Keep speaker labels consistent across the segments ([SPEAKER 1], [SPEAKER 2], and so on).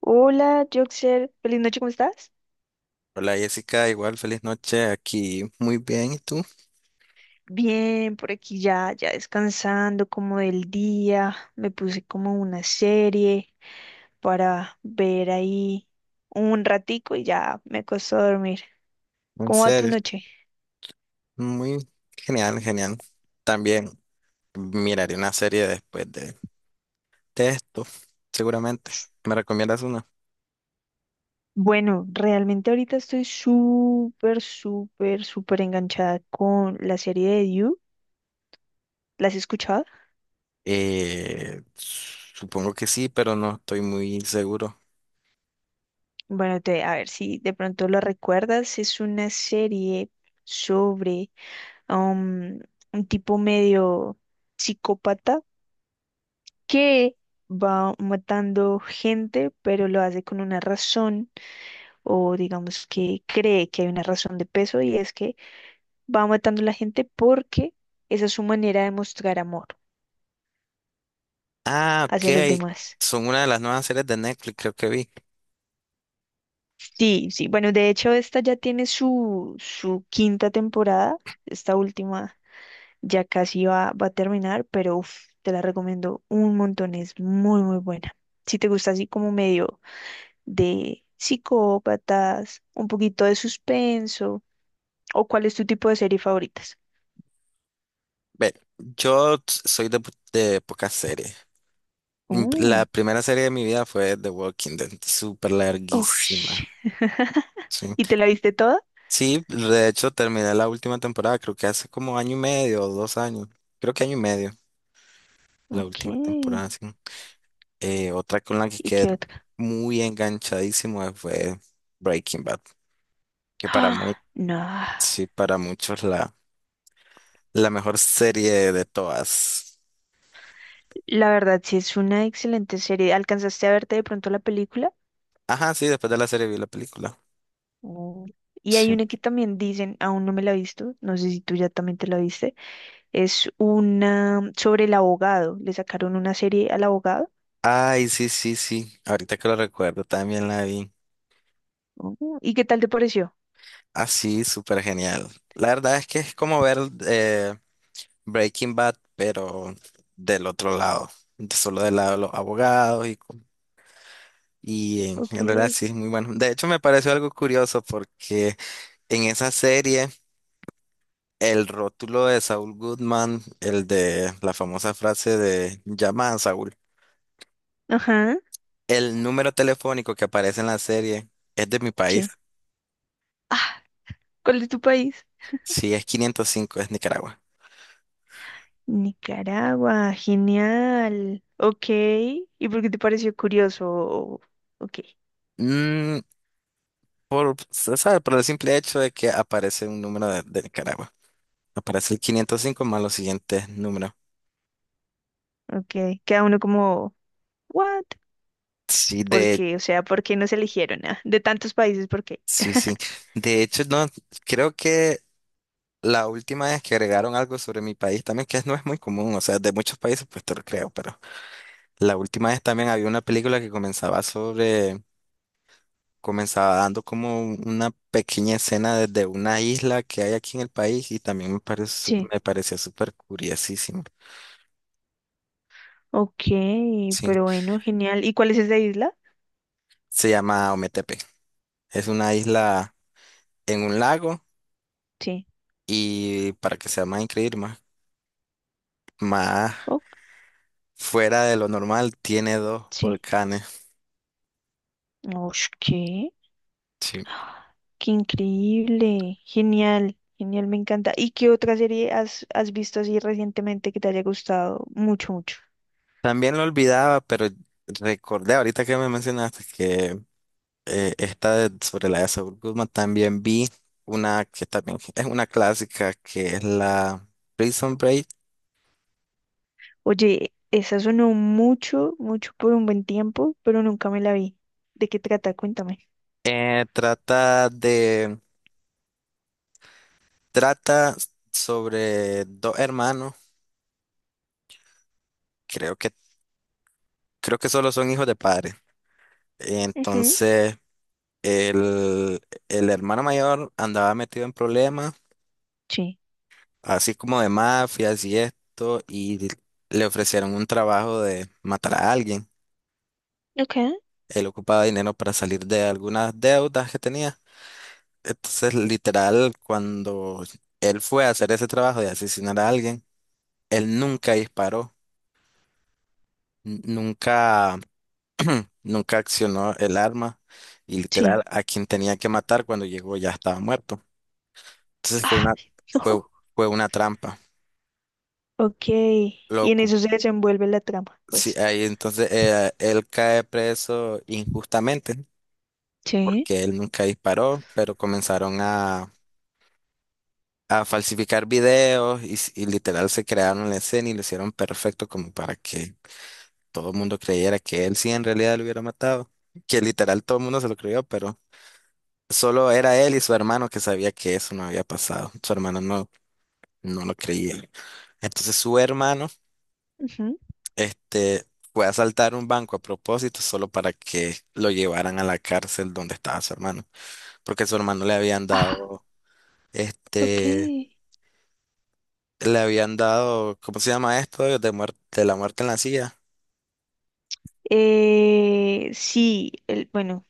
[SPEAKER 1] Hola, Joxer. Feliz noche, ¿cómo estás?
[SPEAKER 2] Hola Jessica, igual feliz noche aquí. Muy bien, ¿y tú?
[SPEAKER 1] Bien, por aquí ya descansando como del día. Me puse como una serie para ver ahí un ratico y ya me acosté a dormir.
[SPEAKER 2] En
[SPEAKER 1] ¿Cómo va tu
[SPEAKER 2] serio,
[SPEAKER 1] noche?
[SPEAKER 2] muy genial, genial. También miraré una serie después de esto, seguramente. ¿Me recomiendas una?
[SPEAKER 1] Bueno, realmente ahorita estoy súper, súper, súper enganchada con la serie de You. ¿La has escuchado?
[SPEAKER 2] Supongo que sí, pero no estoy muy seguro.
[SPEAKER 1] Bueno, te, a ver si de pronto lo recuerdas. Es una serie sobre um, un tipo medio psicópata que va matando gente, pero lo hace con una razón, o digamos que cree que hay una razón de peso, y es que va matando a la gente porque esa es su manera de mostrar amor
[SPEAKER 2] Ah,
[SPEAKER 1] hacia los
[SPEAKER 2] ok.
[SPEAKER 1] demás.
[SPEAKER 2] Son una de las nuevas series de Netflix, creo que vi.
[SPEAKER 1] Sí, sí, bueno, de hecho esta ya tiene su quinta temporada, esta última ya casi va a terminar, pero uf, te la recomiendo un montón, es muy, muy buena si te gusta así como medio de psicópatas, un poquito de suspenso, o cuál es tu tipo de serie favoritas.
[SPEAKER 2] Ve, soy de pocas series. Mm, la
[SPEAKER 1] Mm.
[SPEAKER 2] primera serie de mi vida fue The Walking Dead, súper
[SPEAKER 1] Ush.
[SPEAKER 2] larguísima. Sí.
[SPEAKER 1] ¿Y te la viste toda?
[SPEAKER 2] Sí, de hecho terminé la última temporada, creo que hace como año y medio o dos años, creo que año y medio, la
[SPEAKER 1] Ok.
[SPEAKER 2] última
[SPEAKER 1] ¿Y
[SPEAKER 2] temporada, sí. Otra con la que quedé
[SPEAKER 1] qué otra?
[SPEAKER 2] muy enganchadísimo fue Breaking Bad, que para muchos,
[SPEAKER 1] Ah, no.
[SPEAKER 2] sí, para muchos la mejor serie de todas.
[SPEAKER 1] La verdad, sí es una excelente serie. ¿Alcanzaste a verte de pronto la película?
[SPEAKER 2] Ajá, sí, después de la serie vi la película.
[SPEAKER 1] Mm. Y hay
[SPEAKER 2] Sí.
[SPEAKER 1] una que también dicen, aún no me la he visto, no sé si tú ya también te la viste, es una sobre el abogado, le sacaron una serie al abogado.
[SPEAKER 2] Ay, sí, sí, sí, ahorita que lo recuerdo también la vi.
[SPEAKER 1] Oh, ¿y qué tal te pareció?
[SPEAKER 2] Así, súper genial. La verdad es que es como ver eh, Breaking Bad, pero del otro lado, solo del lado de los abogados y
[SPEAKER 1] Ok.
[SPEAKER 2] en realidad sí es muy bueno. De hecho, me pareció algo curioso porque en esa serie el rótulo de Saul Goodman, el de la famosa frase de llama a Saúl,
[SPEAKER 1] Ajá,
[SPEAKER 2] el número telefónico que aparece en la serie es de mi país,
[SPEAKER 1] sí. Ah, ¿cuál es tu país?
[SPEAKER 2] sí es 505, es Nicaragua.
[SPEAKER 1] Nicaragua, genial. Ok. ¿Y por qué te pareció curioso? Ok,
[SPEAKER 2] Mm, por, se sabe, por el simple hecho de que aparece un número de Nicaragua. Aparece el 505 más los siguientes números.
[SPEAKER 1] ok. Queda uno como, ¿what?
[SPEAKER 2] Sí,
[SPEAKER 1] ¿Por
[SPEAKER 2] de,
[SPEAKER 1] qué? O sea, ¿por qué nos eligieron? ¿Ah? De tantos países, ¿por qué?
[SPEAKER 2] sí, sí. De hecho, no, creo que la última vez que agregaron algo sobre mi país también, que no es muy común, o sea, de muchos países, pues te lo creo, pero la última vez también había una película que comenzaba sobre, comenzaba dando como una pequeña escena desde una isla que hay aquí en el país y también
[SPEAKER 1] Sí.
[SPEAKER 2] me pareció súper curiosísimo.
[SPEAKER 1] Ok,
[SPEAKER 2] Sí,
[SPEAKER 1] pero bueno, genial. ¿Y cuál es esa isla?
[SPEAKER 2] se llama Ometepe. Es una isla en un lago
[SPEAKER 1] Sí.
[SPEAKER 2] y para que sea más increíble, más, más
[SPEAKER 1] Oh,
[SPEAKER 2] fuera de lo normal, tiene dos
[SPEAKER 1] sí.
[SPEAKER 2] volcanes.
[SPEAKER 1] Ush, ¿qué?
[SPEAKER 2] Sí.
[SPEAKER 1] Qué increíble. Genial, genial, me encanta. ¿Y qué otra serie has visto así recientemente que te haya gustado mucho, mucho?
[SPEAKER 2] También lo olvidaba, pero recordé ahorita que me mencionaste que sobre la de Saúl Guzmán también vi una que también es una clásica que es la Prison Break.
[SPEAKER 1] Oye, esa sonó mucho, mucho por un buen tiempo, pero nunca me la vi. ¿De qué trata? Cuéntame.
[SPEAKER 2] Trata de trata sobre dos hermanos, creo que creo que solo son hijos de padres.
[SPEAKER 1] Ujú.
[SPEAKER 2] Entonces el, el hermano mayor andaba metido en problemas
[SPEAKER 1] Sí.
[SPEAKER 2] así como de mafias y esto, y le ofrecieron un trabajo de matar a alguien.
[SPEAKER 1] Ok.
[SPEAKER 2] Él ocupaba dinero para salir de algunas deudas que tenía. Entonces, literal, cuando él fue a hacer ese trabajo de asesinar a alguien, él nunca disparó, nunca, nunca accionó el arma y
[SPEAKER 1] Sí.
[SPEAKER 2] literal a quien tenía que matar cuando llegó ya estaba muerto. Entonces fue
[SPEAKER 1] Ah.
[SPEAKER 2] una,
[SPEAKER 1] No.
[SPEAKER 2] fue, fue una trampa.
[SPEAKER 1] Ok. Y
[SPEAKER 2] Lo,
[SPEAKER 1] en eso se desenvuelve la trama,
[SPEAKER 2] sí,
[SPEAKER 1] pues.
[SPEAKER 2] ahí entonces él cae preso injustamente
[SPEAKER 1] Sí.
[SPEAKER 2] porque él nunca disparó, pero comenzaron a falsificar videos y literal se crearon la escena y lo hicieron perfecto como para que todo el mundo creyera que él sí en realidad lo hubiera matado, que literal todo el mundo se lo creyó, pero solo era él y su hermano que sabía que eso no había pasado, su hermano no, no lo creía. Entonces su hermano
[SPEAKER 1] Ujú.
[SPEAKER 2] Este, fue a asaltar un banco a propósito solo para que lo llevaran a la cárcel donde estaba su hermano, porque su hermano le habían
[SPEAKER 1] Ah.
[SPEAKER 2] dado,
[SPEAKER 1] Ok.
[SPEAKER 2] este, le habían dado, ¿cómo se llama esto? De muerte, de la muerte en la silla.
[SPEAKER 1] Eh, sí, el, bueno,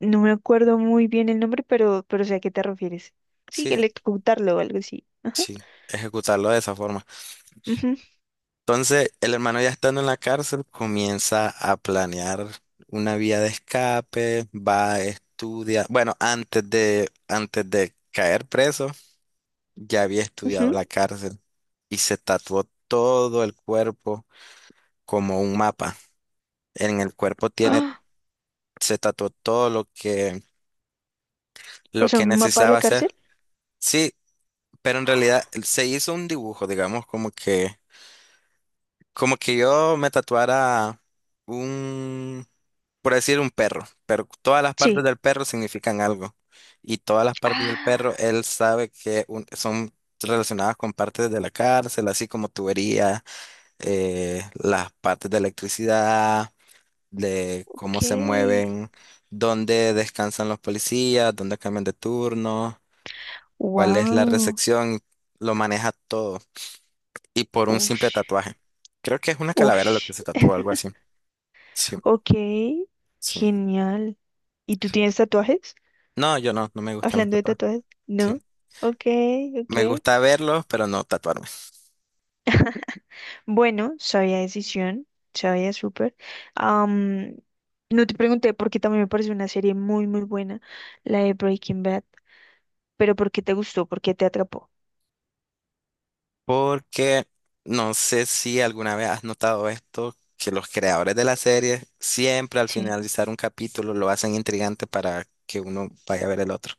[SPEAKER 1] no me acuerdo muy bien el nombre, pero sé a qué te refieres. Sí,
[SPEAKER 2] Sí,
[SPEAKER 1] electrocutarlo o algo así. Ajá.
[SPEAKER 2] sí, ejecutarlo de esa forma.
[SPEAKER 1] Ujú,
[SPEAKER 2] Entonces, el hermano ya estando en la cárcel comienza a planear una vía de escape, va a estudiar, bueno, antes de caer preso. Ya había estudiado
[SPEAKER 1] ujú.
[SPEAKER 2] la cárcel y se tatuó todo el cuerpo como un mapa. En el cuerpo tiene,
[SPEAKER 1] Ah,
[SPEAKER 2] se tatuó todo
[SPEAKER 1] o
[SPEAKER 2] lo
[SPEAKER 1] sea,
[SPEAKER 2] que
[SPEAKER 1] un mapa de
[SPEAKER 2] necesitaba
[SPEAKER 1] la
[SPEAKER 2] hacer.
[SPEAKER 1] cárcel.
[SPEAKER 2] Sí, pero en realidad se hizo un dibujo, digamos, como que yo me tatuara un, por decir un perro, pero todas las partes
[SPEAKER 1] Sí.
[SPEAKER 2] del perro significan algo. Y todas las partes del
[SPEAKER 1] Ah.
[SPEAKER 2] perro, él sabe que son relacionadas con partes de la cárcel, así como tuberías, las partes de electricidad, de
[SPEAKER 1] Ok.
[SPEAKER 2] cómo se mueven, dónde descansan los policías, dónde cambian de turno, cuál es la
[SPEAKER 1] Wow.
[SPEAKER 2] recepción, lo maneja todo. Y por un simple
[SPEAKER 1] Ush.
[SPEAKER 2] tatuaje. Creo que es una calavera lo que
[SPEAKER 1] Ush.
[SPEAKER 2] se tatuó, algo así. Sí,
[SPEAKER 1] Ok.
[SPEAKER 2] sí,
[SPEAKER 1] Genial. ¿Y tú
[SPEAKER 2] sí.
[SPEAKER 1] tienes tatuajes?
[SPEAKER 2] No, yo no, no me gustan los
[SPEAKER 1] Hablando de
[SPEAKER 2] tatuajes.
[SPEAKER 1] tatuajes,
[SPEAKER 2] Sí.
[SPEAKER 1] ¿no? Ok, ok.
[SPEAKER 2] Me gusta verlos, pero no tatuarme.
[SPEAKER 1] Bueno, sabia decisión. Sabia súper. Am, no te pregunté porque también me pareció una serie muy, muy buena, la de Breaking Bad. Pero ¿por qué te gustó? ¿Por qué te atrapó?
[SPEAKER 2] Porque no sé si alguna vez has notado esto, que los creadores de la serie siempre al
[SPEAKER 1] Sí.
[SPEAKER 2] finalizar un capítulo lo hacen intrigante para que uno vaya a ver el otro.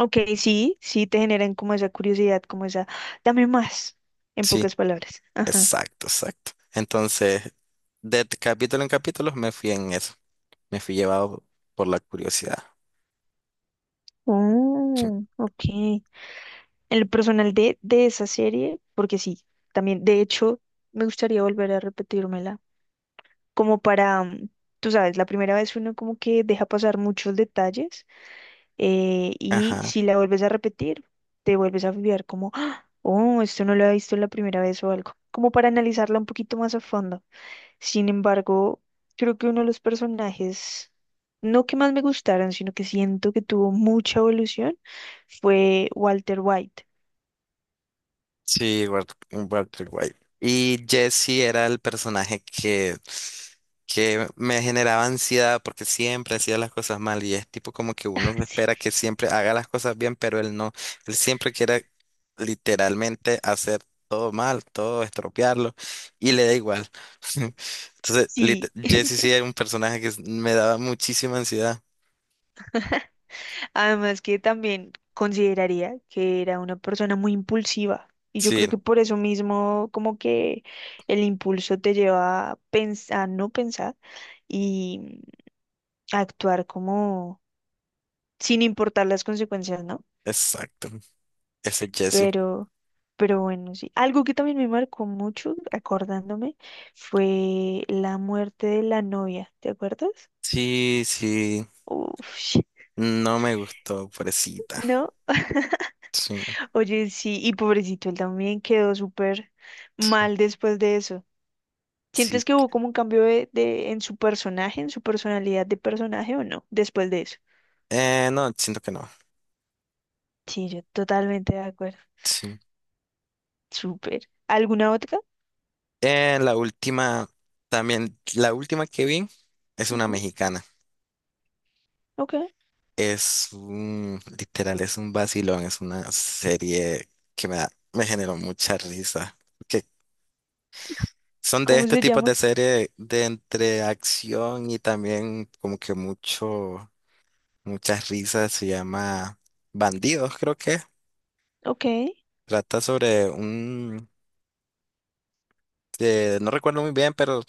[SPEAKER 1] Ok, sí, sí te generan como esa curiosidad, como esa, dame más, en
[SPEAKER 2] Sí,
[SPEAKER 1] pocas palabras. Ajá.
[SPEAKER 2] exacto, exacto. Entonces, capítulo en capítulo me fui en eso, me fui llevado por la curiosidad.
[SPEAKER 1] Oh, ok. El personal de esa serie, porque sí, también, de hecho, me gustaría volver a repetírmela, como para, mm, tú sabes, la primera vez uno como que deja pasar muchos detalles y
[SPEAKER 2] Ajá.
[SPEAKER 1] si la vuelves a repetir, te vuelves a fijar como, "Ah, oh, esto no lo he visto la primera vez o algo, como para analizarla un poquito más a fondo. Sin embargo, creo que uno de los personajes, no que más me gustaron, sino que siento que tuvo mucha evolución fue Walter White.
[SPEAKER 2] Sí, Walter White. Y Jesse era el personaje que me generaba ansiedad porque siempre hacía las cosas mal y es tipo como que uno espera que siempre haga las cosas bien, pero él no. Él siempre quiere literalmente hacer todo mal, todo estropearlo y le da igual. Entonces,
[SPEAKER 1] Sí, sí.
[SPEAKER 2] Jesse sí era un personaje que me daba muchísima ansiedad.
[SPEAKER 1] Además que también consideraría que era una persona muy impulsiva y yo
[SPEAKER 2] Sí,
[SPEAKER 1] creo que por eso mismo como que el impulso te lleva a pensar, no pensar y a actuar como sin importar las consecuencias, ¿no?
[SPEAKER 2] exacto. Ese Jesse.
[SPEAKER 1] Pero, pero bueno, sí. Algo que también me marcó mucho, acordándome, fue la muerte de la novia, ¿te acuerdas?
[SPEAKER 2] Sí, sí.
[SPEAKER 1] Uf,
[SPEAKER 2] No me gustó, pobrecita.
[SPEAKER 1] ¿no?
[SPEAKER 2] Sí,
[SPEAKER 1] Oye, sí, y pobrecito, él también quedó súper
[SPEAKER 2] sí,
[SPEAKER 1] mal después de eso.
[SPEAKER 2] sí.
[SPEAKER 1] ¿Sientes que hubo como un cambio de- en su personaje, en su personalidad de personaje o no, después de eso?
[SPEAKER 2] No, siento que no.
[SPEAKER 1] Sí, yo totalmente de acuerdo.
[SPEAKER 2] Sí.
[SPEAKER 1] Súper. ¿Alguna otra?
[SPEAKER 2] Eh, la última, también, la última que vi es una
[SPEAKER 1] Ujú.
[SPEAKER 2] mexicana.
[SPEAKER 1] Ok.
[SPEAKER 2] Es un, literal, es un vacilón, es una serie que me da, me generó mucha risa. Que son de
[SPEAKER 1] ¿Cómo
[SPEAKER 2] este
[SPEAKER 1] se
[SPEAKER 2] tipo
[SPEAKER 1] llama?
[SPEAKER 2] de serie de entre acción y también como que mucho, muchas risas. Se llama Bandidos, creo que.
[SPEAKER 1] Ok.
[SPEAKER 2] Trata sobre un, no recuerdo muy bien, pero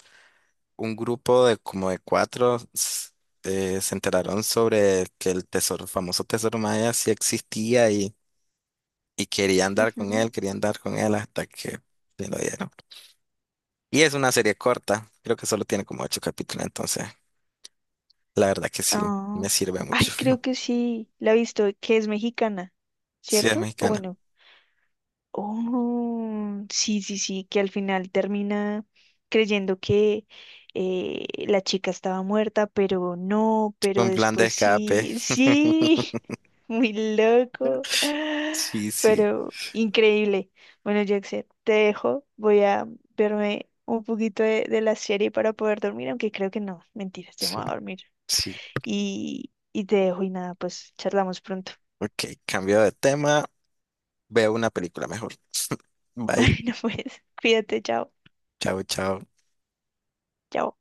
[SPEAKER 2] un grupo de como de cuatro, se enteraron sobre que el tesoro, famoso tesoro maya sí existía y querían dar con
[SPEAKER 1] Ujú.
[SPEAKER 2] él, querían dar con él hasta que se lo dieron. Y es una serie corta, creo que solo tiene como ocho capítulos, entonces la verdad que sí, me
[SPEAKER 1] Ah,
[SPEAKER 2] sirve
[SPEAKER 1] ay,
[SPEAKER 2] mucho.
[SPEAKER 1] creo que sí. La he visto, que es mexicana,
[SPEAKER 2] Sí, es
[SPEAKER 1] ¿cierto? O
[SPEAKER 2] mexicana.
[SPEAKER 1] bueno. Oh, sí, sí, sí, que al final termina creyendo que la chica estaba muerta, pero no, pero
[SPEAKER 2] Un plan de
[SPEAKER 1] después
[SPEAKER 2] escape.
[SPEAKER 1] sí, sí, muy loco,
[SPEAKER 2] Sí, sí,
[SPEAKER 1] pero increíble. Bueno, Jackson, te dejo, voy a verme un poquito de la serie para poder dormir, aunque creo que no, mentiras, ya me
[SPEAKER 2] sí,
[SPEAKER 1] voy a dormir.
[SPEAKER 2] sí.
[SPEAKER 1] Y te dejo y nada, pues charlamos pronto.
[SPEAKER 2] Ok, cambio de tema. Veo una película mejor. Bye.
[SPEAKER 1] Bueno, pues cuídate, chao,
[SPEAKER 2] Chao, chao.
[SPEAKER 1] chao.